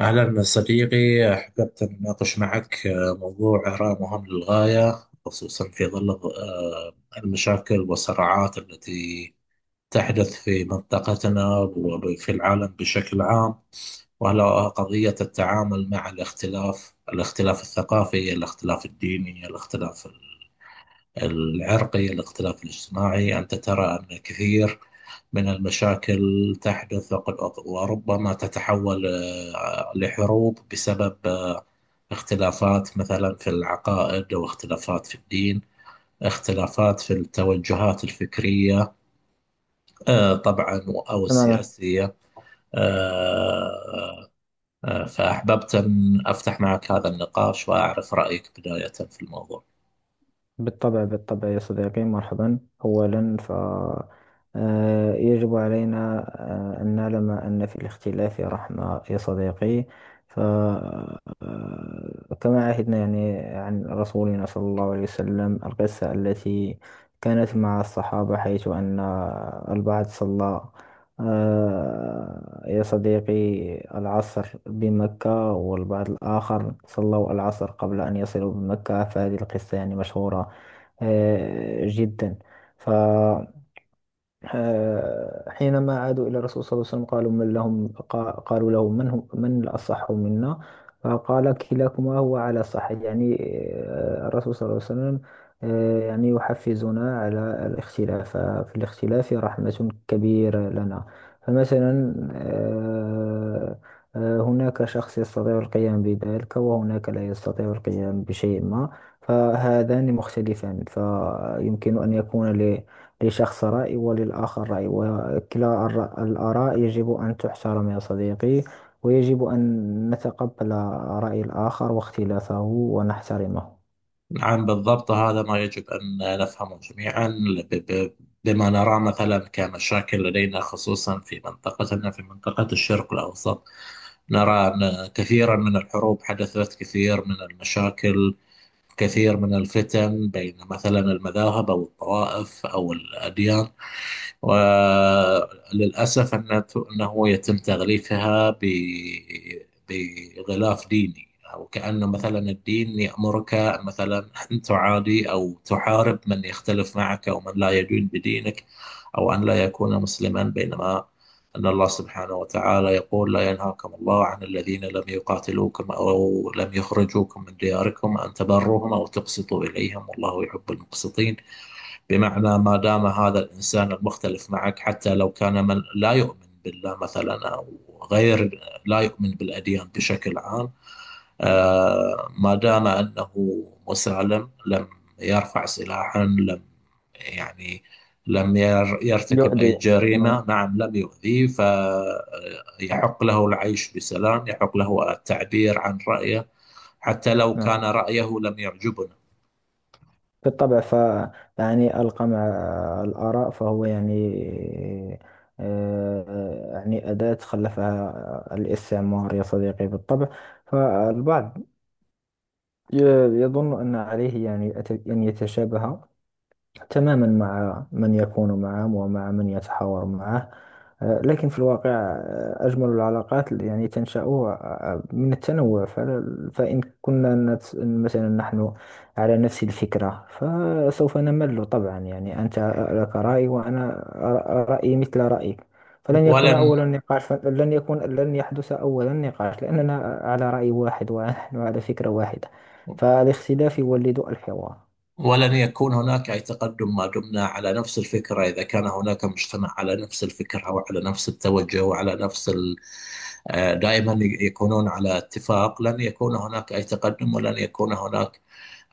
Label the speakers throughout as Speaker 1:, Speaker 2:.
Speaker 1: أهلا صديقي، أحببت أن أناقش معك موضوع أراه مهم للغاية، خصوصا في ظل المشاكل والصراعات التي تحدث في منطقتنا وفي العالم بشكل عام. وهلا قضية التعامل مع الاختلاف الاختلاف الثقافي، الاختلاف الديني، الاختلاف العرقي، الاختلاف الاجتماعي. أنت ترى أن كثير من المشاكل تحدث وربما تتحول لحروب بسبب اختلافات مثلا في العقائد، أو اختلافات في الدين، اختلافات في التوجهات الفكرية طبعا، أو
Speaker 2: تماما.
Speaker 1: السياسية. آه، فأحببت أن أفتح معك هذا النقاش وأعرف رأيك بداية في الموضوع.
Speaker 2: بالطبع يا صديقي، مرحبا. أولا ف آه، يجب علينا أن نعلم أن في الاختلاف رحمة يا صديقي. ف آه، كما عهدنا يعني عن رسولنا صلى الله عليه وسلم القصة التي كانت مع الصحابة، حيث أن البعض صلى يا صديقي العصر بمكة، والبعض الآخر صلوا العصر قبل أن يصلوا بمكة. فهذه القصة يعني مشهورة جدا. ف آه، حينما عادوا إلى الرسول صلى الله عليه وسلم، قالوا له من هم من الأصح منا. فقال كلاكما هو على صح. يعني الرسول صلى الله عليه وسلم يعني يحفزنا على الاختلاف. في الاختلاف رحمة كبيرة لنا. فمثلا هناك شخص يستطيع القيام بذلك، وهناك لا يستطيع القيام بشيء ما. فهذان مختلفان، فيمكن أن يكون لشخص رأي وللآخر رأي، وكلا الآراء يجب أن تحترم يا صديقي. ويجب أن نتقبل رأي الآخر واختلافه ونحترمه.
Speaker 1: نعم بالضبط، هذا ما يجب أن نفهمه جميعا. ب- ب- بما نراه مثلا كمشاكل لدينا، خصوصا في منطقتنا في منطقة الشرق الأوسط، نرى أن كثيرا من الحروب حدثت، كثير من المشاكل، كثير من الفتن بين مثلا المذاهب أو الطوائف أو الأديان. وللأسف أنه يتم تغليفها بغلاف ديني، أو كأنه مثلا الدين يأمرك مثلا أن تعادي أو تحارب من يختلف معك، أو من لا يدين بدينك، أو أن لا يكون مسلما. بينما أن الله سبحانه وتعالى يقول لا ينهاكم الله عن الذين لم يقاتلوكم أو لم يخرجوكم من دياركم أن تبروهم أو تقسطوا إليهم والله يحب المقسطين. بمعنى ما دام هذا الإنسان المختلف معك، حتى لو كان من لا يؤمن بالله مثلا، أو غير، لا يؤمن بالأديان بشكل عام، ما دام أنه مسالم، لم يرفع سلاحا، لم يعني لم يرتكب أي
Speaker 2: يؤدي نعم.
Speaker 1: جريمة، نعم لم يؤذيه، فيحق له العيش بسلام، يحق له التعبير عن رأيه حتى لو كان
Speaker 2: نعم،
Speaker 1: رأيه لم يعجبنا.
Speaker 2: بالطبع. يعني القمع الآراء، فهو يعني أداة خلفها الاستعمار يا صديقي، بالطبع. فالبعض ي- يظن أن عليه يعني أن يتشابه تماما مع من يكون معه ومع من يتحاور معه. لكن في الواقع أجمل العلاقات اللي يعني تنشأ من التنوع. فإن كنا مثلا نحن على نفس الفكرة فسوف نمل طبعا. يعني أنت لك رأي، وأنا رأيي مثل رأيك. فلن يكون
Speaker 1: ولن
Speaker 2: أول النقاش، لن يحدث أول النقاش، لأننا على رأي واحد ونحن على فكرة واحدة. فالاختلاف يولد الحوار.
Speaker 1: ولن يكون هناك أي تقدم ما دمنا على نفس الفكرة. إذا كان هناك مجتمع على نفس الفكرة وعلى نفس التوجه وعلى نفس ال... آه، دائما يكونون على اتفاق، لن يكون هناك أي تقدم، ولن يكون هناك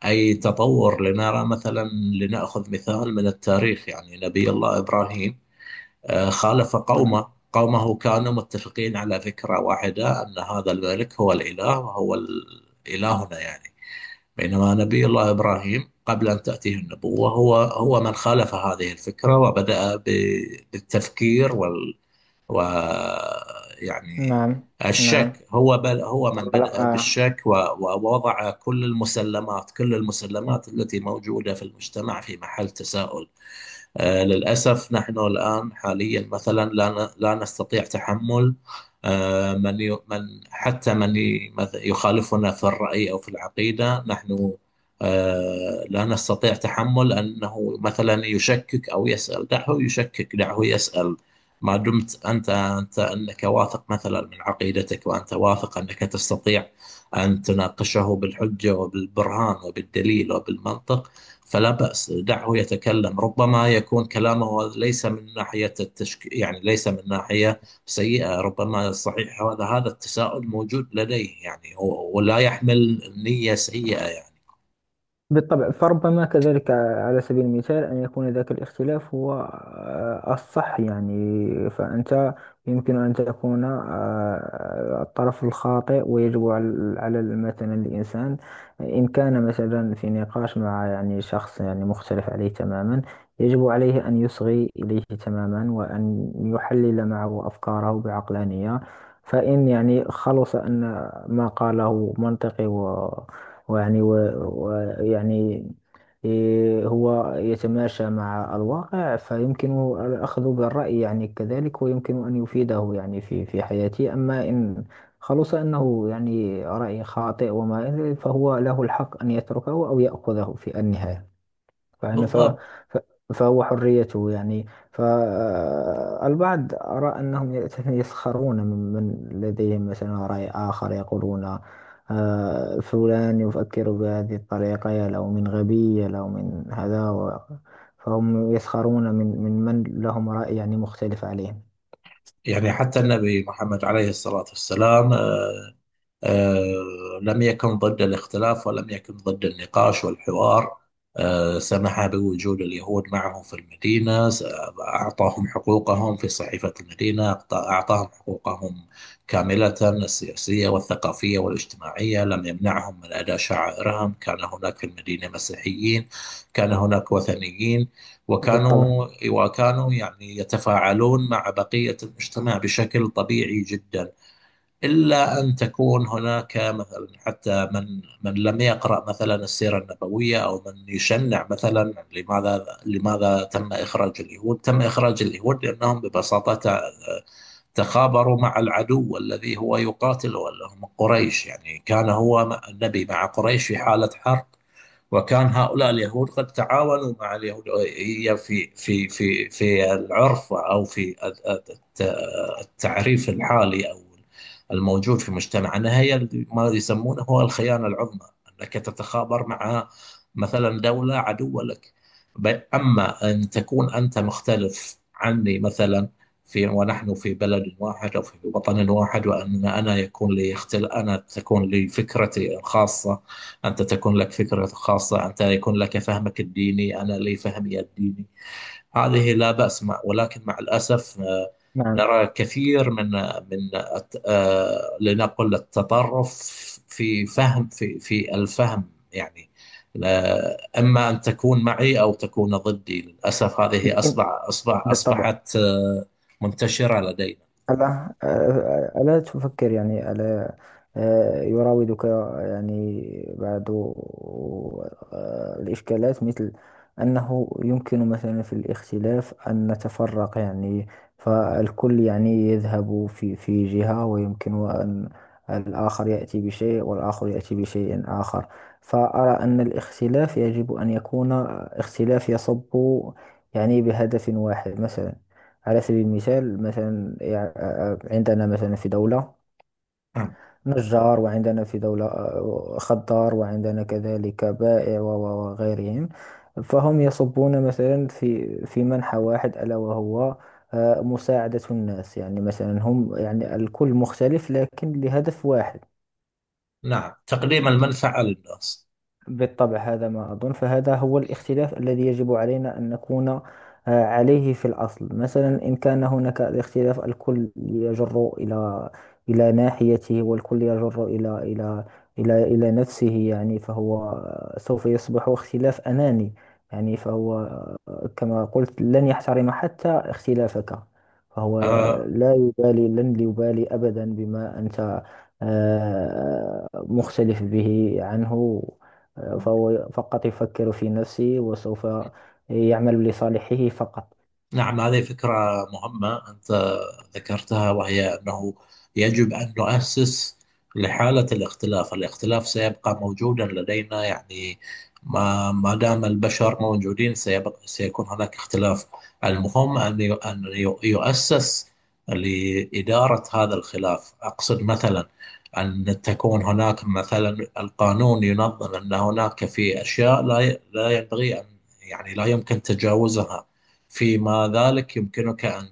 Speaker 1: أي تطور. لنرى مثلا، لنأخذ مثال من التاريخ يعني نبي الله إبراهيم خالف
Speaker 2: نعم.
Speaker 1: قومه، قومه كانوا متفقين على فكرة واحدة أن هذا الملك هو الإله وهو إلهنا يعني. بينما نبي الله إبراهيم قبل أن تأتيه النبوة، هو من خالف هذه الفكرة، وبدأ بالتفكير وال و يعني
Speaker 2: نعم. نعم.
Speaker 1: الشك، هو بل هو من
Speaker 2: آه. لا.
Speaker 1: بدأ
Speaker 2: آه.
Speaker 1: بالشك ووضع كل المسلمات، كل المسلمات التي موجودة في المجتمع في محل تساؤل. للأسف نحن الآن حاليا مثلا لا نستطيع تحمل من حتى يخالفنا في الرأي أو في العقيدة. نحن لا نستطيع تحمل أنه مثلا يشكك أو يسأل. دعه يشكك، دعه يسأل. ما دمت أنت أنك واثق مثلا من عقيدتك، وأنت واثق أنك تستطيع أن تناقشه بالحجة وبالبرهان وبالدليل وبالمنطق، فلا بأس، دعه يتكلم. ربما يكون كلامه ليس من ناحية يعني ليس من ناحية سيئة، ربما صحيح هذا التساؤل موجود لديه، يعني ولا يحمل نية سيئة يعني.
Speaker 2: بالطبع. فربما كذلك على سبيل المثال أن يكون ذاك الاختلاف هو الصح. يعني فأنت يمكن أن تكون الطرف الخاطئ. ويجب على مثلا الإنسان، إن كان مثلا في نقاش مع يعني شخص يعني مختلف عليه تماما، يجب عليه أن يصغي إليه تماما وأن يحلل معه أفكاره بعقلانية. فإن يعني خلص أن ما قاله منطقي ويعني إيه، هو يتماشى مع الواقع، فيمكن الأخذ بالرأي يعني كذلك، ويمكن أن يفيده يعني في حياتي. أما إن خلص أنه يعني رأي خاطئ وما إلى ذلك، فهو له الحق أن يتركه أو يأخذه في النهاية. فإن ف...
Speaker 1: بالضبط.
Speaker 2: ف... فهو حريته يعني. فالبعض أرى أنهم يسخرون من من لديهم مثلا رأي آخر، يقولون فلان يفكر بهذه الطريقة، يا له من غبي، يا له من هذا فهم يسخرون من من لهم رأي يعني مختلف عليهم.
Speaker 1: يعني حتى النبي محمد عليه الصلاة والسلام لم يكن ضد الاختلاف، ولم يكن ضد النقاش والحوار. سمح بوجود اليهود معه في المدينة، أعطاهم حقوقهم في صحيفة المدينة، أعطاهم حقوقهم كاملة، السياسية والثقافية والاجتماعية. لم يمنعهم من أداء شعائرهم. كان هناك في المدينة مسيحيين، كان هناك وثنيين،
Speaker 2: بالطبع.
Speaker 1: وكانوا يعني يتفاعلون مع بقية المجتمع بشكل طبيعي جدا. إلا أن تكون هناك مثلا حتى من لم يقرأ مثلا السيرة النبوية، أو من يشنع مثلا، لماذا تم إخراج اليهود؟ تم إخراج اليهود لأنهم ببساطة تخابروا مع العدو الذي هو يقاتله، اللي هم قريش، يعني كان هو النبي مع قريش في حالة حرب، وكان هؤلاء اليهود قد تعاونوا مع اليهودية، في العرف أو في التعريف الحالي أو الموجود في مجتمعنا، هي ما يسمونه هو الخيانة العظمى، أنك تتخابر مع مثلا دولة عدوة لك. أما أن تكون أنت مختلف عني مثلا في، ونحن في بلد واحد أو في وطن واحد، وأن أنا يكون لي اختل، أنا تكون لي فكرتي الخاصة، أنت تكون لك فكرة خاصة، أنت يكون لك فهمك الديني، أنا لي فهمي الديني، هذه لا بأس. مع، ولكن مع الأسف
Speaker 2: نعم،
Speaker 1: نرى كثير من من لنقل التطرف في فهم، في الفهم يعني، إما أن تكون معي أو تكون ضدي. للأسف هذه
Speaker 2: لكن بالطبع.
Speaker 1: أصبحت منتشرة لدينا.
Speaker 2: ألا ألا تفكر يعني، ألا يراودك يعني بعض الإشكالات، مثل أنه يمكن مثلا في الاختلاف أن نتفرق يعني؟ فالكل يعني يذهب في جهة، ويمكن أن الآخر يأتي بشيء والآخر يأتي بشيء آخر. فأرى أن الاختلاف يجب أن يكون اختلاف يصب يعني بهدف واحد. مثلا على سبيل المثال، مثلا عندنا مثلا في دولة
Speaker 1: نعم.
Speaker 2: نجار، وعندنا في دولة خضار، وعندنا كذلك بائع وغيرهم. فهم يصبون مثلا في منحى واحد، ألا وهو مساعدة الناس. يعني مثلا هم، يعني الكل مختلف، لكن لهدف واحد.
Speaker 1: نعم، تقديم المنفعة للناس.
Speaker 2: بالطبع هذا ما أظن. فهذا هو الاختلاف الذي يجب علينا أن نكون عليه في الأصل. مثلا إن كان هناك الاختلاف، الكل يجر إلى ناحيته، والكل يجر إلى نفسه يعني، فهو سوف يصبح اختلاف أناني. يعني فهو كما قلت، لن يحترم حتى اختلافك. فهو
Speaker 1: آه،
Speaker 2: لا يبالي، لن يبالي أبدا بما أنت مختلف به عنه. فهو فقط يفكر في نفسه، وسوف يعمل لصالحه فقط.
Speaker 1: نعم، هذه فكرة مهمة أنت ذكرتها، وهي أنه يجب أن نؤسس لحالة الاختلاف. الاختلاف سيبقى موجودا لدينا يعني، ما دام البشر موجودين سيبقى، سيكون هناك اختلاف. المهم يؤسس لإدارة هذا الخلاف. أقصد مثلا أن تكون هناك مثلا القانون ينظم، أن هناك في أشياء لا ينبغي أن، يعني لا يمكن تجاوزها. فيما ذلك يمكنك أن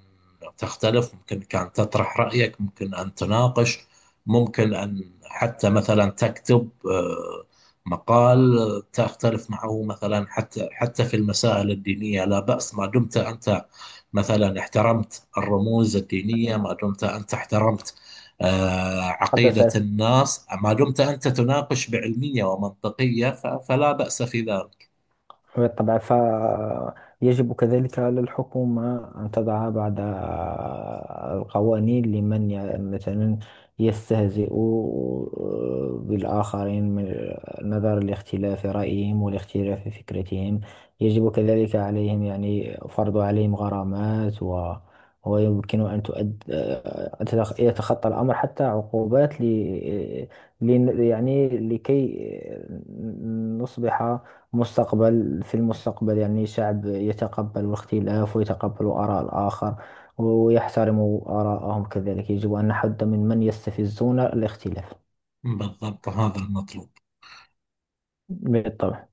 Speaker 1: تختلف، يمكنك أن تطرح رأيك، ممكن أن تناقش، ممكن أن حتى مثلا تكتب مقال تختلف معه مثلا، حتى في المسائل الدينية لا بأس، ما دمت أنت مثلا احترمت الرموز الدينية، ما دمت أنت احترمت عقيدة
Speaker 2: تحدثت،
Speaker 1: الناس، ما دمت أنت تناقش بعلمية ومنطقية، فلا بأس في ذلك.
Speaker 2: بالطبع. فيجب كذلك على الحكومة أن تضع بعض القوانين لمن مثلا يستهزئ بالآخرين، من نظرا لاختلاف رأيهم والاختلاف في فكرتهم. يجب كذلك عليهم يعني فرض عليهم غرامات، و ويمكن أن تؤد آه، أن تتخ- يتخطى الأمر حتى عقوبات، ل... يعني لكي آه، نصبح في المستقبل يعني شعب يتقبل الاختلاف ويتقبل آراء الآخر ويحترم آراءهم. كذلك يجب أن نحد من من يستفزون الاختلاف.
Speaker 1: بالضبط، هذا المطلوب.
Speaker 2: بالطبع.